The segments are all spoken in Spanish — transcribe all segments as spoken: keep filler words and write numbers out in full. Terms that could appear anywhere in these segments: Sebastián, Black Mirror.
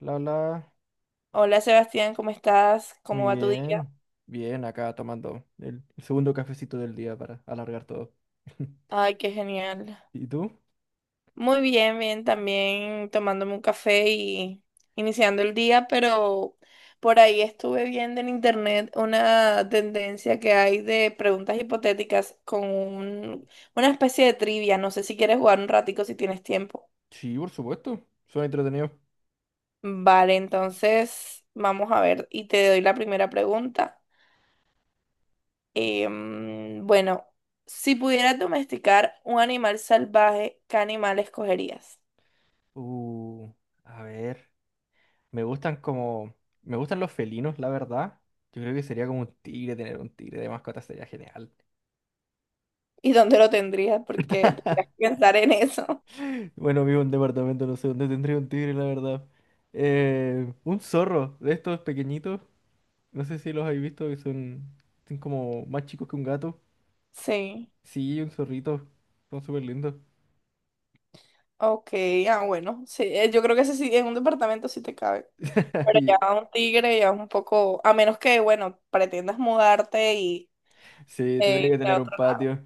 La, hola, Hola Sebastián, ¿cómo estás? muy ¿Cómo va tu día? bien. Bien, acá tomando el segundo cafecito del día para alargar todo. Ay, qué genial. ¿Y tú? Muy bien, bien, también tomándome un café y iniciando el día, pero por ahí estuve viendo en internet una tendencia que hay de preguntas hipotéticas con un- una especie de trivia. No sé si quieres jugar un ratico si tienes tiempo. Sí, por supuesto. Suena entretenido. Vale, entonces vamos a ver y te doy la primera pregunta. Em, bueno, si pudieras domesticar un animal salvaje, ¿qué animal escogerías? Uh, a ver. Me gustan como... Me gustan los felinos, la verdad. Yo creo que sería como un tigre, tener un tigre de mascota sería genial. ¿Y dónde lo tendrías? Porque tendrías que pensar en eso. Bueno, vivo en un departamento, no sé dónde tendría un tigre, la verdad. Eh, un zorro de estos pequeñitos. No sé si los habéis visto, que son, son como más chicos que un gato. Sí, Sí, un zorrito. Son súper lindos. ok, ah, bueno, sí, eh, yo creo que ese sí, en un departamento sí te cabe. Pero Y ya un tigre ya es un poco, a menos que, bueno, pretendas mudarte y sí, eh, tendría que irte tener a un otro lado. patio.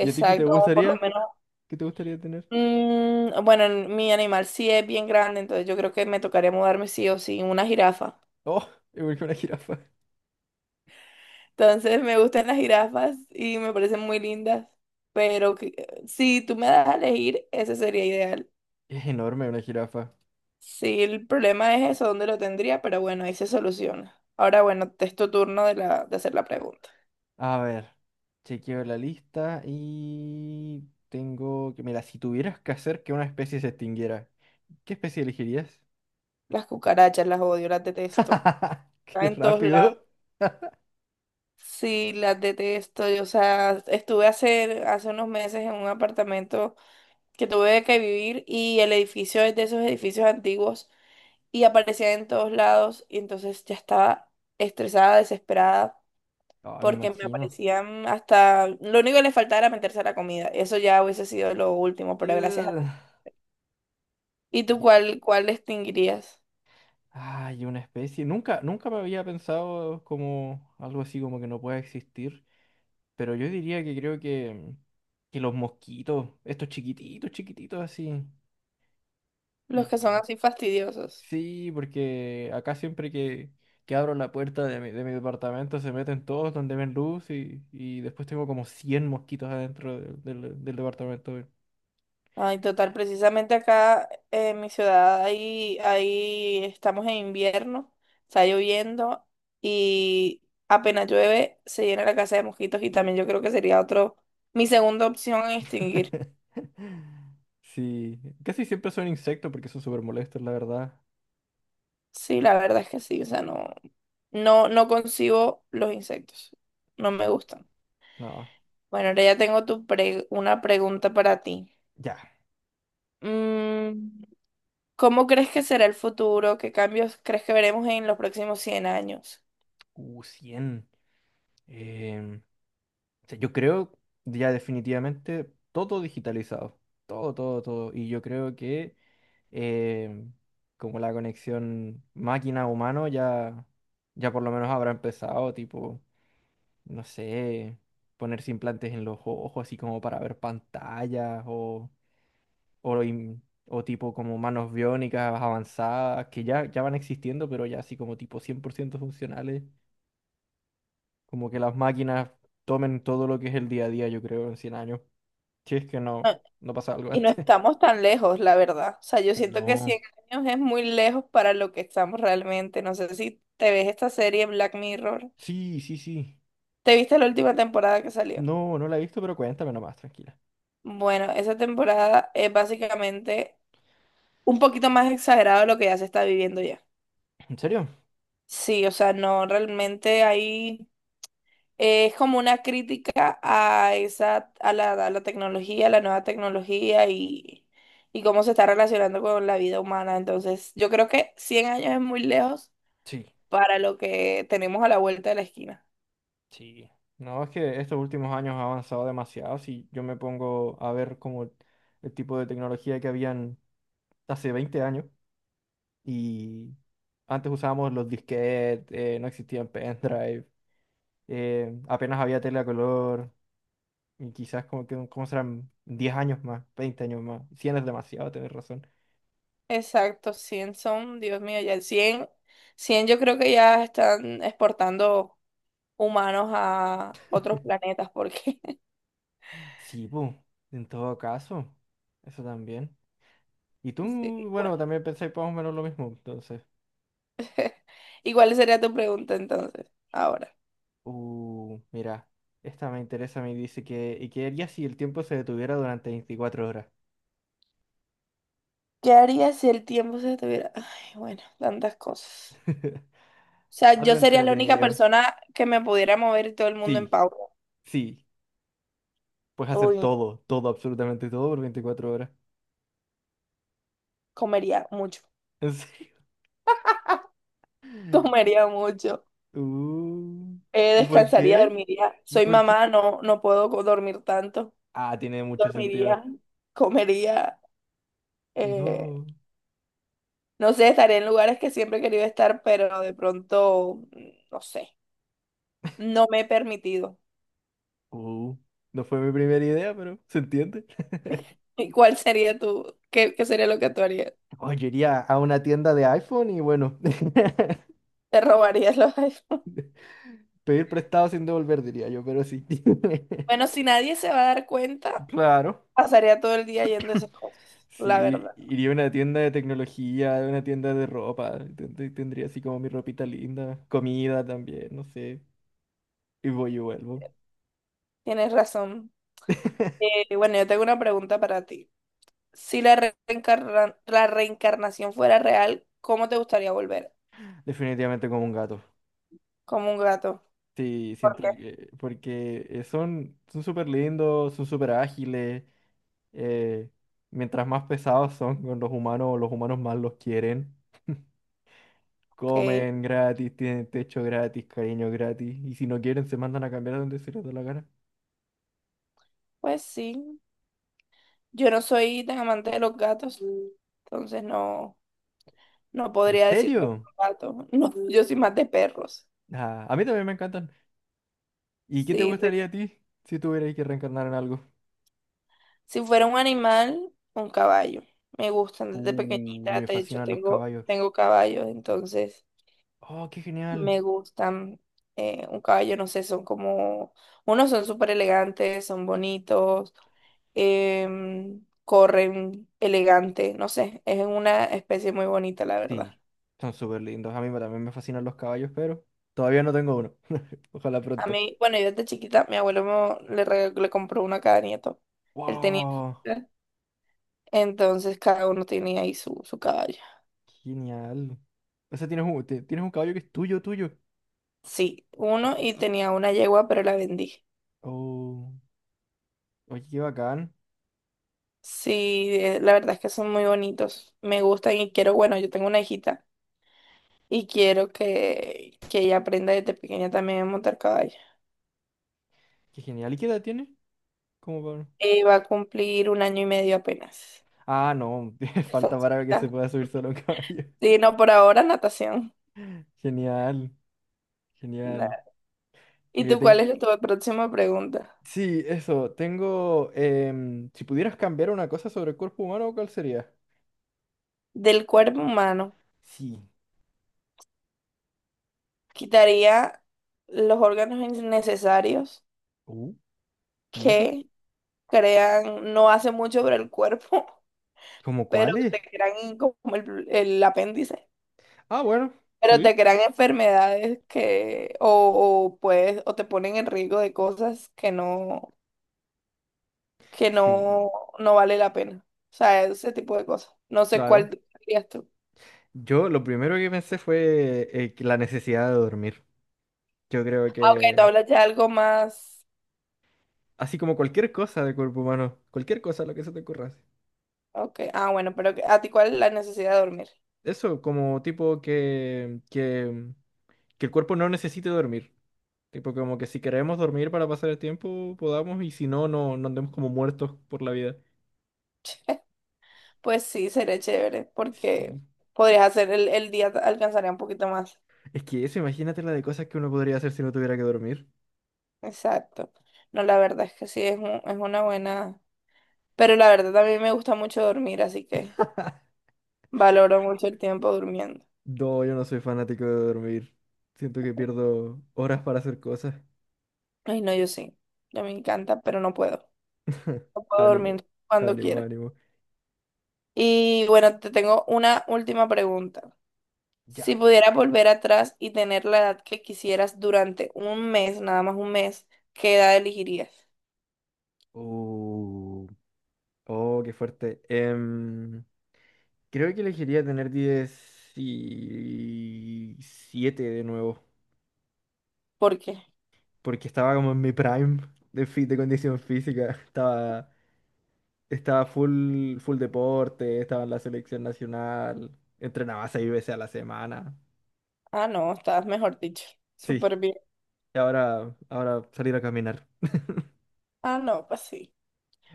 ¿Y a ti qué te o por lo gustaría? menos, ¿Qué te gustaría tener? mm, bueno, mi animal sí es bien grande, entonces yo creo que me tocaría mudarme sí o sí, una jirafa. Oh, igual que una jirafa. Entonces me gustan las jirafas y me parecen muy lindas, pero que- eh, si tú me das a elegir, ese sería ideal. Es enorme una jirafa. Sí, el problema es eso, dónde lo tendría, pero bueno, ahí se soluciona. Ahora bueno, te es tu turno de, la, de hacer la pregunta. A ver, chequeo la lista y tengo que... Mira, si tuvieras que hacer que una especie se extinguiera, ¿qué especie elegirías? Las cucarachas las odio, las detesto. Están ¡Qué en todos lados. rápido! Sí, las detesto. Y, o sea, estuve hace, hace unos meses en un apartamento que tuve que vivir y el edificio es de esos edificios antiguos y aparecía en todos lados y entonces ya estaba estresada, desesperada, Ah, me porque me imagino. aparecían hasta, lo único que le faltaba era meterse a la comida, eso ya hubiese sido lo último, pero gracias a Ugh. Dios. ¿Y tú Y- cuál, cuál extinguirías? Ay, una especie. Nunca, nunca me había pensado como algo así como que no pueda existir. Pero yo diría que creo que, que los mosquitos, estos chiquititos, chiquititos así. Los Y, que son así fastidiosos. sí, porque acá siempre que, que abro la puerta de mi, de mi departamento se meten todos donde ven luz y, y después tengo como cien mosquitos adentro del, del- del departamento. Weón. Ay, total, precisamente acá en mi ciudad, ahí, ahí estamos en invierno, está lloviendo y apenas llueve se llena la casa de mosquitos y también yo creo que sería otro, mi segunda opción en extinguir. Sí, casi siempre son insectos porque son súper molestos, la verdad. Sí, la verdad es que sí, o sea, no, no, no concibo los insectos, no me gustan. No, Bueno, ahora ya tengo tu pre- una pregunta para ti. ya. Mm, ¿Cómo crees que será el futuro? ¿Qué cambios crees que veremos en los próximos cien años? Uh, cien. em, Sea, yo creo ya definitivamente todo digitalizado, todo, todo, todo. Y yo creo que eh, como la conexión máquina-humano ya, ya por lo menos habrá empezado, tipo, no sé, ponerse implantes en los ojos, así como para ver pantallas o, o, im- o tipo como manos biónicas avanzadas, que ya, ya van existiendo, pero ya así como tipo cien por ciento funcionales, como que las máquinas tomen todo lo que es el día a día, yo creo, en cien años. Si es que no, Ah, no pasa algo y no antes. estamos tan lejos, la verdad. O sea, yo siento que No. cien años es muy lejos para lo que estamos realmente. No sé si te ves esta serie Black Mirror. Sí, sí, sí. ¿Te viste la última temporada que salió? No, no la he visto, pero cuéntame nomás, tranquila. Bueno, esa temporada es básicamente un poquito más exagerado de lo que ya se está viviendo ya. ¿En serio? Sí, o sea, no, realmente ahí eh, es como una crítica a esa, a la, a la, tecnología, a la nueva tecnología y, y cómo se está relacionando con la vida humana. Entonces, yo creo que cien años es muy lejos Sí, para lo que tenemos a la vuelta de la esquina. sí. No, es que estos últimos años ha avanzado demasiado. Si yo me pongo a ver como el tipo de tecnología que habían hace veinte años y antes usábamos los disquetes, eh, no existían pendrive, eh, apenas había tele a color y quizás como que como serán diez años más, veinte años más. Cien es demasiado, tenés razón. Exacto, cien son, Dios mío, ya el cien cien yo creo que ya están exportando humanos a otros planetas porque, Sí, pues, en todo caso, eso también. Y tú, sí, bueno. bueno, también pensáis más o menos lo mismo, entonces. ¿Y cuál sería tu pregunta entonces? Ahora. Uh, mira, esta me interesa, me dice que, ¿y qué harías si el tiempo se detuviera durante veinticuatro horas? ¿Qué harías si el tiempo se detuviera? Ay, bueno, tantas cosas. O sea, yo Algo sería la única entretenido. persona que me pudiera mover y todo el mundo en Sí, pausa. sí, puedes hacer Uy, todo, todo, absolutamente todo por veinticuatro horas. comería mucho. ¿En serio? Comería mucho. Uh, Eh, ¿y por descansaría, qué? dormiría. ¿Y Soy por qué? mamá, no, no puedo co- dormir tanto. Ah, tiene mucho sentido. Dormiría, comería. eh, No. no sé, estaría en lugares que siempre he querido estar, pero de pronto, mm, no sé, no me he permitido. Uh, no fue mi primera idea, pero se entiende. ¿Y cuál sería tu, qué, qué sería lo que tú harías? Oh, yo iría a una tienda de iPhone y bueno, Te robarías los iPhones. pedir prestado sin devolver, diría yo, pero sí. Bueno, si nadie se va a dar cuenta, Claro, pasaría todo el día yendo a esas cosas, la sí, verdad. iría a una tienda de tecnología, a una tienda de ropa, ten- ten- tendría así como mi ropita linda, comida también, no sé, y voy y vuelvo. Tienes razón. Eh, bueno, yo tengo una pregunta para ti. Si la re- reencarna- la reencarnación fuera real, ¿cómo te gustaría volver? Definitivamente como un gato. Como un gato. Sí, ¿Por siento qué? que, porque eh, son son súper lindos, son súper ágiles, eh, mientras más pesados son con los humanos, los humanos más los quieren. Ok, Comen gratis, tienen techo gratis, cariño gratis. Y si no quieren, se mandan a cambiar a donde se les da la gana. pues sí. Yo no soy tan amante de los gatos, entonces no, no ¿En podría decirte que serio? un gato. No, yo soy más de perros. Ah, a mí también me encantan. ¿Y qué te Sí, gustaría a ti si tuvieras que reencarnar en algo? si fuera un animal, un caballo. Me gustan desde Uh, pequeñita, Me de hecho fascinan los tengo, caballos. tengo caballos, entonces Oh, qué genial. me gustan eh, un caballo, no sé, son como, unos son súper elegantes, son bonitos, em, corren elegante, no sé, es una especie muy bonita, la verdad. Sí, son súper lindos. A mí me- también me fascinan los caballos, pero todavía no tengo uno. Ojalá A pronto. mí, bueno, yo desde chiquita, mi abuelo me- le, regaló- le compró una a cada nieto. Él tenía, Wow, entonces cada uno tenía ahí su, su caballo. genial. O sea, tienes un, te- tienes un caballo que es tuyo, tuyo. Sí, uno y tenía una yegua, pero la vendí. Oh, oye, qué bacán. Sí, eh, la verdad es que son muy bonitos. Me gustan y quiero, bueno, yo tengo una hijita y quiero que, que ella aprenda desde pequeña también a montar caballo. Qué genial. ¿Y qué edad tiene? ¿Cómo va? Y va a cumplir un año y medio apenas. Ah, no, Está falta para que se chiquita. pueda subir solo un caballo. Sí, no, por ahora natación. Genial, genial. Na- ¿Y Mira, tú cuál ten- es tu próxima pregunta? Sí, eso, tengo... em, si pudieras cambiar una cosa sobre el cuerpo humano, ¿cuál sería? Del cuerpo humano, Sí. quitaría los órganos innecesarios Uh, ¿Y eso? que crean no hace mucho por el cuerpo ¿Cómo pero te cuáles? crean como el, el apéndice, Ah, bueno, pero sí. te crean enfermedades que, o, o puedes, o te ponen en riesgo de cosas que no, que Sí, no, no vale la pena. O sea, ese tipo de cosas. No sé claro. cuál dirías tú. Yo lo primero que pensé fue eh, que la necesidad de dormir. Yo creo Ah, ok, tú que... hablas ya algo más. Así como cualquier cosa del cuerpo humano, cualquier cosa, lo que se te ocurra. Así. Ok, ah, bueno, pero que- ¿a ti cuál es la necesidad de dormir? Eso, como tipo que... que que el cuerpo no necesite dormir. Tipo, como que si queremos dormir para pasar el tiempo, podamos, y si no, no, no andemos como muertos por la vida. Pues sí, sería chévere, porque Sí. podrías hacer el, el día, alcanzaría un poquito más. Es que eso, imagínate la de cosas que uno podría hacer si no tuviera que dormir. Exacto. No, la verdad es que sí, es, un- es una buena. Pero la verdad, a mí me gusta mucho dormir, así que valoro mucho el tiempo durmiendo. No, yo no soy fanático de dormir. Siento que pierdo horas para hacer cosas. Ay, no, yo sí. Yo me encanta, pero no puedo. No puedo Ánimo, dormir cuando ánimo, quiera. ánimo. Y bueno, te tengo una última pregunta. Si Ya. pudieras volver atrás y tener la edad que quisieras durante un mes, nada más un mes, ¿qué edad elegirías? Oh, oh, qué fuerte. Em, creo que elegiría tener diecisiete de nuevo. ¿Por qué? Porque estaba como en mi prime de, fi- de condición física. Estaba, estaba full, full deporte, estaba en la selección nacional, entrenaba seis veces a la semana. Ah, no, estabas mejor dicho. Sí, Súper bien. y ahora, ahora salir a caminar. Ah, no, pues sí.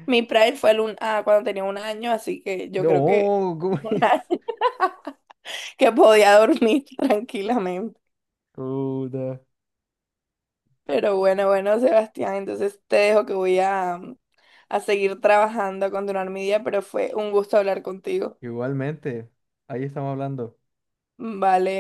Mi prime fue el un... ah, cuando tenía un año, así que yo creo que No, ¿cómo un año. es? Que podía dormir tranquilamente. Puta. Pero bueno, bueno, Sebastián, entonces te dejo que voy a, mm, a seguir trabajando, a continuar mi día, pero fue un gusto hablar contigo. Igualmente, ahí estamos hablando. Vale.